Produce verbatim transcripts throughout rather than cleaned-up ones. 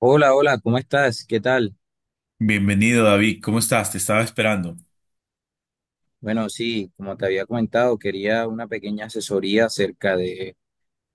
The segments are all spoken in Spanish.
Hola, hola, ¿cómo estás? ¿Qué tal? Bienvenido, David. ¿Cómo estás? Te estaba esperando. Bueno, sí, como te había comentado, quería una pequeña asesoría acerca de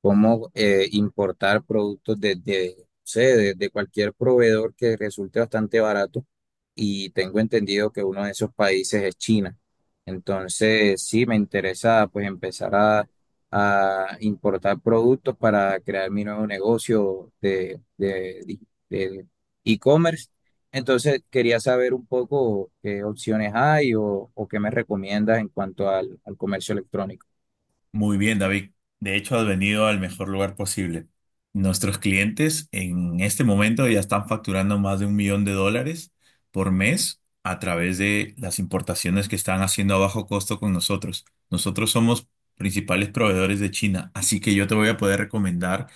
cómo eh, importar productos de, de, no sé, de, de cualquier proveedor que resulte bastante barato. Y tengo entendido que uno de esos países es China. Entonces, sí, me interesa pues empezar a, a importar productos para crear mi nuevo negocio de, de, de e-commerce. Entonces, quería saber un poco qué opciones hay o, o qué me recomiendas en cuanto al al comercio electrónico. Muy bien, David. De hecho, has venido al mejor lugar posible. Nuestros clientes en este momento ya están facturando más de un millón de dólares por mes a través de las importaciones que están haciendo a bajo costo con nosotros. Nosotros somos principales proveedores de China, así que yo te voy a poder recomendar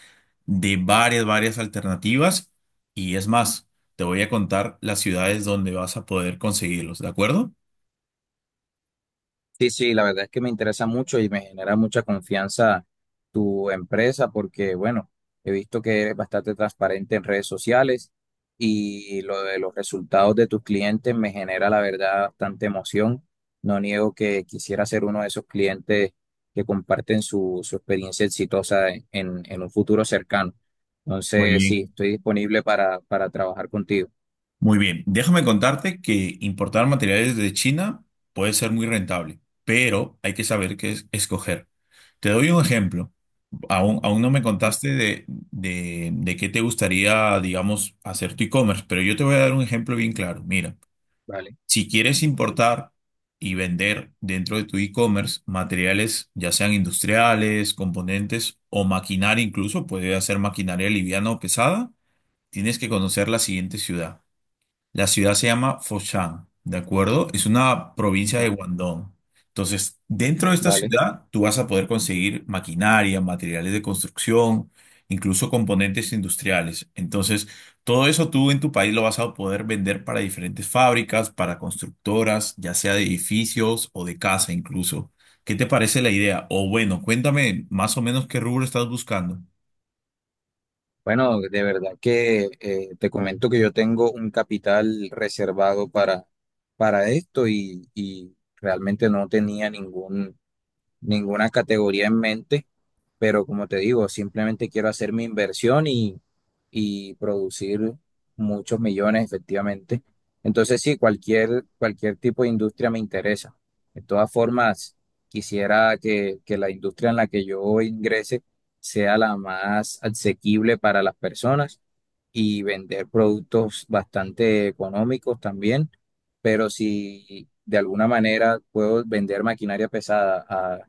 de varias, varias alternativas y es más, te voy a contar las ciudades donde vas a poder conseguirlos, ¿de acuerdo? Sí, sí, la verdad es que me interesa mucho y me genera mucha confianza tu empresa porque, bueno, he visto que eres bastante transparente en redes sociales y lo de los resultados de tus clientes me genera, la verdad, bastante emoción. No niego que quisiera ser uno de esos clientes que comparten su, su experiencia exitosa en, en un futuro cercano. Muy Entonces, sí, bien. estoy disponible para, para trabajar contigo. Muy bien, déjame contarte que importar materiales de China puede ser muy rentable, pero hay que saber qué es- escoger. Te doy un ejemplo. Aún, aún no me Mm. contaste de, de, de qué te gustaría, digamos, hacer tu e-commerce, pero yo te voy a dar un ejemplo bien claro. Mira, Vale. si quieres importar y vender dentro de tu e-commerce materiales, ya sean industriales, componentes o maquinaria incluso, puede ser maquinaria liviana o pesada, tienes que conocer la siguiente ciudad. La ciudad se llama Foshan, ¿de acuerdo? Es una provincia de Ujú, Guangdong. Entonces, dentro de esta vale. ciudad, tú vas a poder conseguir maquinaria, materiales de construcción, incluso componentes industriales. Entonces, todo eso tú en tu país lo vas a poder vender para diferentes fábricas, para constructoras, ya sea de edificios o de casa incluso. ¿Qué te parece la idea? O bueno, cuéntame más o menos qué rubro estás buscando. Bueno, de verdad que eh, te comento que yo tengo un capital reservado para, para esto y, y realmente no tenía ningún, ninguna categoría en mente, pero como te digo, simplemente quiero hacer mi inversión y, y producir muchos millones efectivamente. Entonces sí, cualquier, cualquier tipo de industria me interesa. De todas formas, quisiera que, que la industria en la que yo ingrese sea la más asequible para las personas y vender productos bastante económicos también, pero si de alguna manera puedo vender maquinaria pesada a,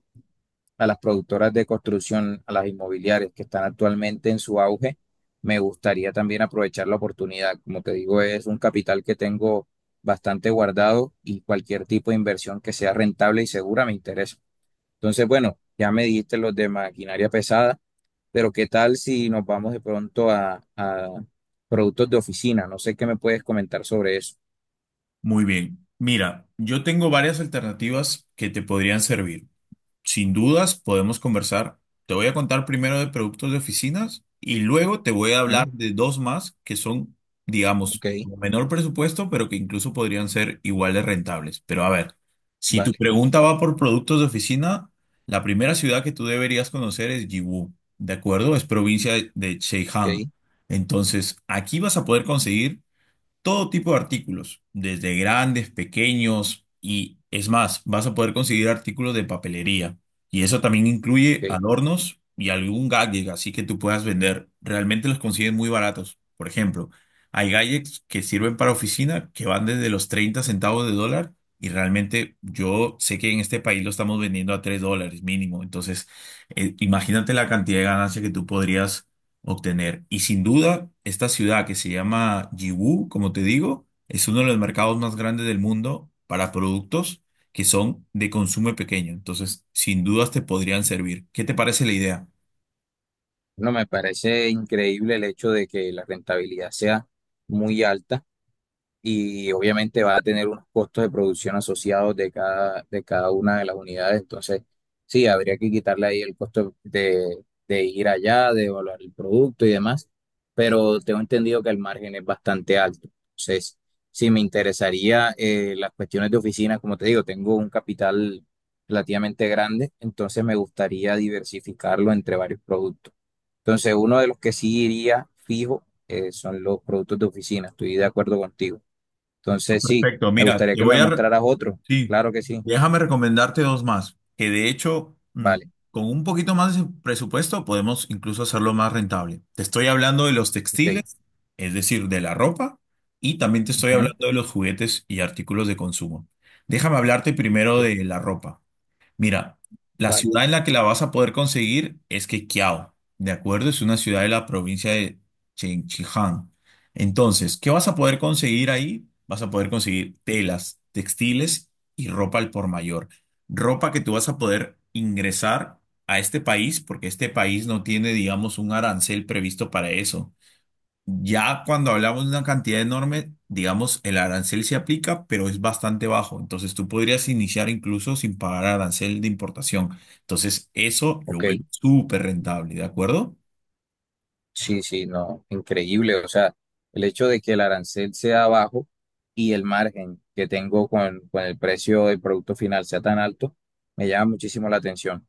a las productoras de construcción, a las inmobiliarias que están actualmente en su auge, me gustaría también aprovechar la oportunidad. Como te digo, es un capital que tengo bastante guardado y cualquier tipo de inversión que sea rentable y segura me interesa. Entonces, bueno, ya me dijiste los de maquinaria pesada. Pero ¿qué tal si nos vamos de pronto a, a productos de oficina? No sé qué me puedes comentar sobre eso. Muy bien. Mira, yo tengo varias alternativas que te podrían servir. Sin dudas, podemos conversar. Te voy a contar primero de productos de oficinas y luego te voy a ¿Mm? hablar de dos más que son, digamos, Ok, con menor presupuesto, pero que incluso podrían ser igual de rentables. Pero a ver, si tu vale, pregunta va por productos de oficina, la primera ciudad que tú deberías conocer es Yiwu, ¿de acuerdo? Es provincia de Zhejiang. ok, Entonces, aquí vas a poder conseguir todo tipo de artículos, desde grandes, pequeños y es más, vas a poder conseguir artículos de papelería. Y eso también incluye ok. adornos y algún gadget, así que tú puedas vender. Realmente los consiguen muy baratos. Por ejemplo, hay gadgets que sirven para oficina que van desde los treinta centavos de dólar y realmente yo sé que en este país lo estamos vendiendo a tres dólares mínimo. Entonces, eh, imagínate la cantidad de ganancia que tú podrías obtener. Y sin duda, esta ciudad que se llama Yiwu, como te digo, es uno de los mercados más grandes del mundo para productos que son de consumo pequeño. Entonces, sin dudas te podrían servir. ¿Qué te parece la idea? No, me parece increíble el hecho de que la rentabilidad sea muy alta. Y obviamente va a tener unos costos de producción asociados de cada, de cada una de las unidades. Entonces, sí, habría que quitarle ahí el costo de, de ir allá, de evaluar el producto y demás, pero tengo entendido que el margen es bastante alto. Entonces, sí, me interesaría eh, las cuestiones de oficina, como te digo, tengo un capital relativamente grande, entonces me gustaría diversificarlo entre varios productos. Entonces, uno de los que sí iría fijo eh, son los productos de oficina, estoy de acuerdo contigo. Entonces, sí, Perfecto, me mira, gustaría te que me voy a... re- mostraras otro. Sí, Claro que sí. déjame recomendarte dos más, que de hecho, mm, Vale, con un poquito más de presupuesto podemos incluso hacerlo más rentable. Te estoy hablando de los ok. textiles, es decir, de la ropa, y también te estoy Ujú, hablando de los juguetes y artículos de consumo. Déjame hablarte primero bien, de la ropa. Mira, la vale, ciudad en la que la vas a poder conseguir es Quequiao, ¿de acuerdo? Es una ciudad de la provincia de Chengchijang. Entonces, ¿qué vas a poder conseguir ahí? Vas a poder conseguir telas, textiles y ropa al por mayor. Ropa que tú vas a poder ingresar a este país porque este país no tiene, digamos, un arancel previsto para eso. Ya cuando hablamos de una cantidad enorme, digamos, el arancel se aplica, pero es bastante bajo. Entonces tú podrías iniciar incluso sin pagar arancel de importación. Entonces eso lo ok. vuelve súper rentable, ¿de acuerdo? Sí, sí, no, increíble. O sea, el hecho de que el arancel sea bajo y el margen que tengo con, con el precio del producto final sea tan alto, me llama muchísimo la atención.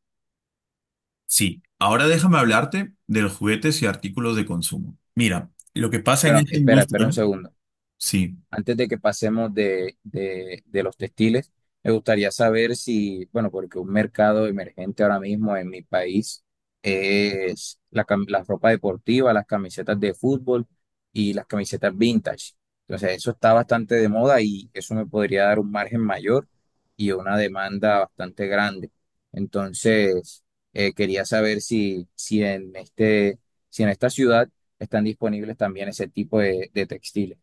Sí. Ahora déjame hablarte de los juguetes y artículos de consumo. Mira, lo que pasa en Bueno, esta espera, espera un industria, segundo. sí. Antes de que pasemos de, de- de los textiles, me gustaría saber si, bueno, porque un mercado emergente ahora mismo en mi país es la, cam- la ropa deportiva, las camisetas de fútbol y las camisetas vintage. Entonces, eso está bastante de moda y eso me podría dar un margen mayor y una demanda bastante grande. Entonces, eh, quería saber si, si en este, si en esta ciudad están disponibles también ese tipo de, de textiles.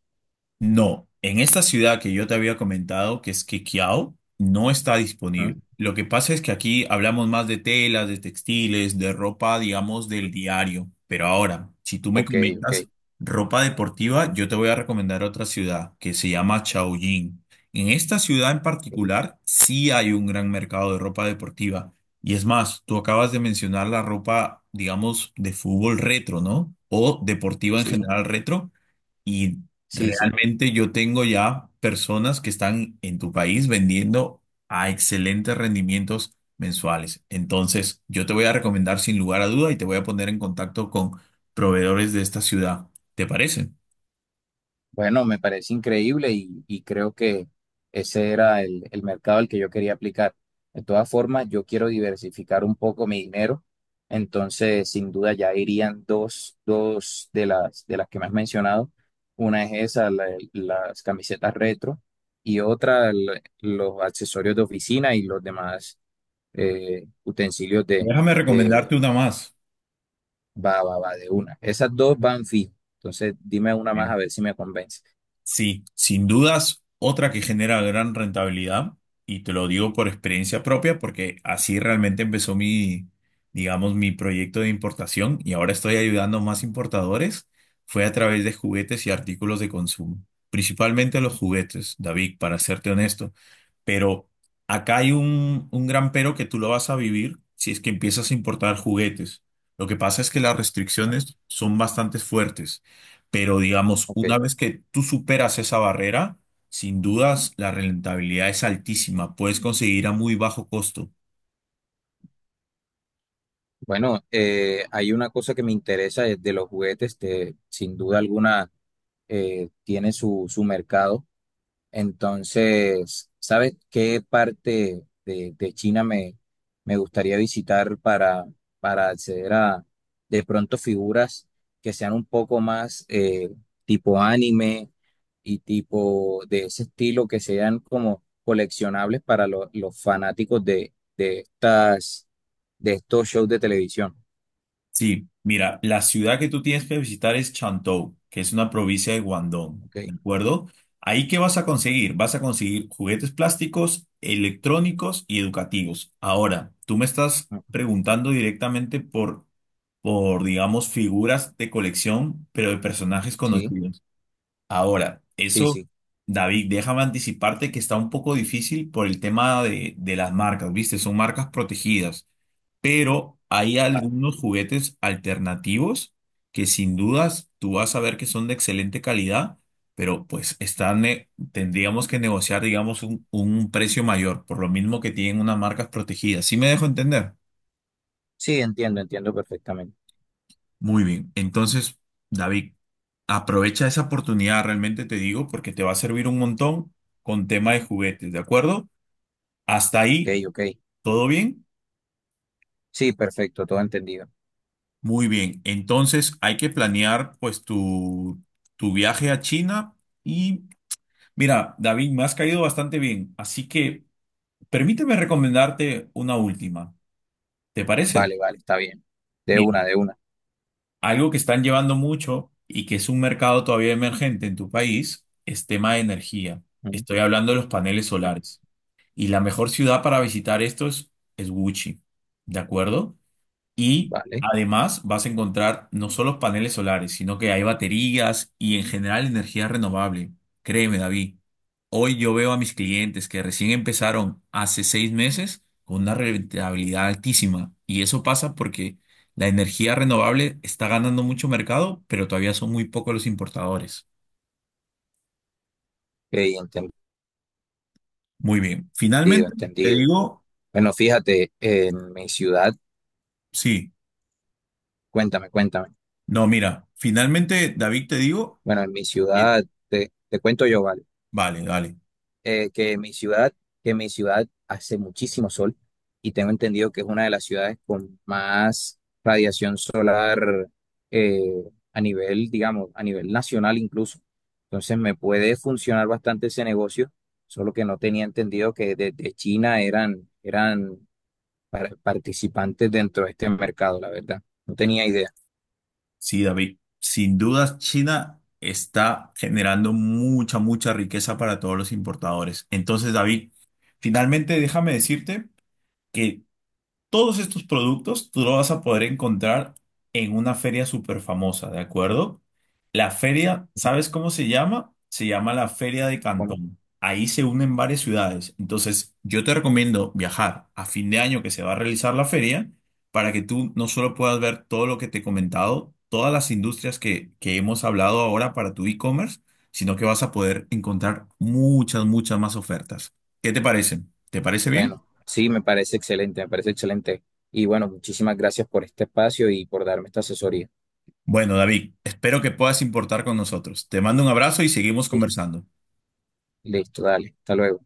No, en esta ciudad que yo te había comentado, que es Quiqueo, no está disponible. Lo que pasa es que aquí hablamos más de telas, de textiles, de ropa, digamos, del diario. Pero ahora, si tú me Ok, ok. comentas ropa deportiva, yo te voy a recomendar otra ciudad que se llama Chaoyín. En esta ciudad en Ok. particular, sí hay un gran mercado de ropa deportiva. Y es más, tú acabas de mencionar la ropa, digamos, de fútbol retro, ¿no? O deportiva en Sí, general retro. Y sí, sí. realmente yo tengo ya personas que están en tu país vendiendo a excelentes rendimientos mensuales. Entonces, yo te voy a recomendar sin lugar a duda y te voy a poner en contacto con proveedores de esta ciudad. ¿Te parece? Bueno, me parece increíble y, y creo que ese era el, el mercado al que yo quería aplicar. De todas formas, yo quiero diversificar un poco mi dinero, entonces sin duda ya irían dos, dos de las, de las que me has mencionado. Una es esa, la- las camisetas retro, y otra el- los accesorios de oficina y los demás eh, utensilios de, Déjame recomendarte una más. Va, va, va, de una. Esas dos van fijo. Entonces, dime una más a ver si me convence. Sí, sin dudas, otra que genera gran rentabilidad, y te lo digo por experiencia propia, porque así realmente empezó mi, digamos, mi proyecto de importación y ahora estoy ayudando a más importadores, fue a través de juguetes y artículos de consumo, principalmente los juguetes, David, para serte honesto. Pero acá hay un, un gran pero que tú lo vas a vivir si es que empiezas a importar juguetes. Lo que pasa es que las Ah, restricciones son bastante fuertes. Pero digamos, Ok. una vez que tú superas esa barrera, sin dudas la rentabilidad es altísima. Puedes conseguir a muy bajo costo. Bueno, eh, hay una cosa que me interesa es de los juguetes. Este, sin duda alguna, eh, tiene su, su mercado. Entonces, ¿sabes qué parte de, de China me, me gustaría visitar para, para acceder a de pronto figuras que sean un poco más eh, tipo anime y tipo de ese estilo que sean como coleccionables para lo- los fanáticos de, de estas de estos shows de televisión? Sí, mira, la ciudad que tú tienes que visitar es Chantou, que es una provincia de Guangdong, ¿Ok? ¿de acuerdo? ¿Ahí qué vas a conseguir? Vas a conseguir juguetes plásticos, electrónicos y educativos. Ahora, tú me estás Ujú. preguntando directamente por, por, digamos, figuras de colección, pero de personajes Sí, conocidos. Ahora, sí, eso, sí. David, déjame anticiparte que está un poco difícil por el tema de, de las marcas, ¿viste? Son marcas protegidas, pero hay Ah. algunos juguetes alternativos que sin dudas tú vas a ver que son de excelente calidad, pero pues están, eh, tendríamos que negociar, digamos, un, un precio mayor, por lo mismo que tienen unas marcas protegidas. ¿Sí me dejo entender? Sí, entiendo, entiendo perfectamente. Muy bien. Entonces, David, aprovecha esa oportunidad, realmente te digo, porque te va a servir un montón con tema de juguetes, ¿de acuerdo? Hasta ahí, Ok, ok. ¿todo bien? Sí, perfecto, todo entendido. Muy bien. Entonces, hay que planear pues tu, tu viaje a China y mira, David, me has caído bastante bien, así que permíteme recomendarte una última. ¿Te parece? Vale, vale, está bien. De Mira, una, de una. algo que están llevando mucho y que es un mercado todavía emergente en tu país es tema de energía. Ujú, Estoy hablando de los paneles ujú, solares. Y la mejor ciudad para visitar esto es, es Gucci, ¿de acuerdo? Y vale. además vas a encontrar no solo paneles solares, sino que hay baterías y en general energía renovable. Créeme, David. Hoy yo veo a mis clientes que recién empezaron hace seis meses con una rentabilidad altísima. Y eso pasa porque la energía renovable está ganando mucho mercado, pero todavía son muy pocos los importadores. Ok, Muy bien. entendido, Finalmente, te entendido. digo, Bueno, fíjate, en mi ciudad, sí. cuéntame, cuéntame. No, mira, finalmente, David, te digo, Bueno, en mi eh, ciudad, te, te cuento yo, ¿vale? vale, vale. eh, que mi ciudad, que mi ciudad hace muchísimo sol y tengo entendido que es una de las ciudades con más radiación solar eh, a nivel, digamos, a nivel nacional incluso. Entonces me puede funcionar bastante ese negocio, solo que no tenía entendido que desde China eran, eran par- participantes dentro de este mercado, la verdad. No tenía idea. Sí, David, sin dudas China está generando mucha, mucha riqueza para todos los importadores. Entonces, David, finalmente déjame decirte que todos estos productos tú los vas a poder encontrar en una feria súper famosa, ¿de acuerdo? La feria, ¿sabes cómo se llama? Se llama la Feria de Bueno, Cantón. Ahí se unen varias ciudades. Entonces, yo te recomiendo viajar a fin de año que se va a realizar la feria para que tú no solo puedas ver todo lo que te he comentado, todas las industrias que, que hemos hablado ahora para tu e-commerce, sino que vas a poder encontrar muchas, muchas más ofertas. ¿Qué te parece? ¿Te parece bien? bueno, sí, me parece excelente, me parece excelente. Y bueno, muchísimas gracias por este espacio y por darme esta asesoría. Bueno, David, espero que puedas importar con nosotros. Te mando un abrazo y seguimos conversando. Listo, dale. Hasta luego.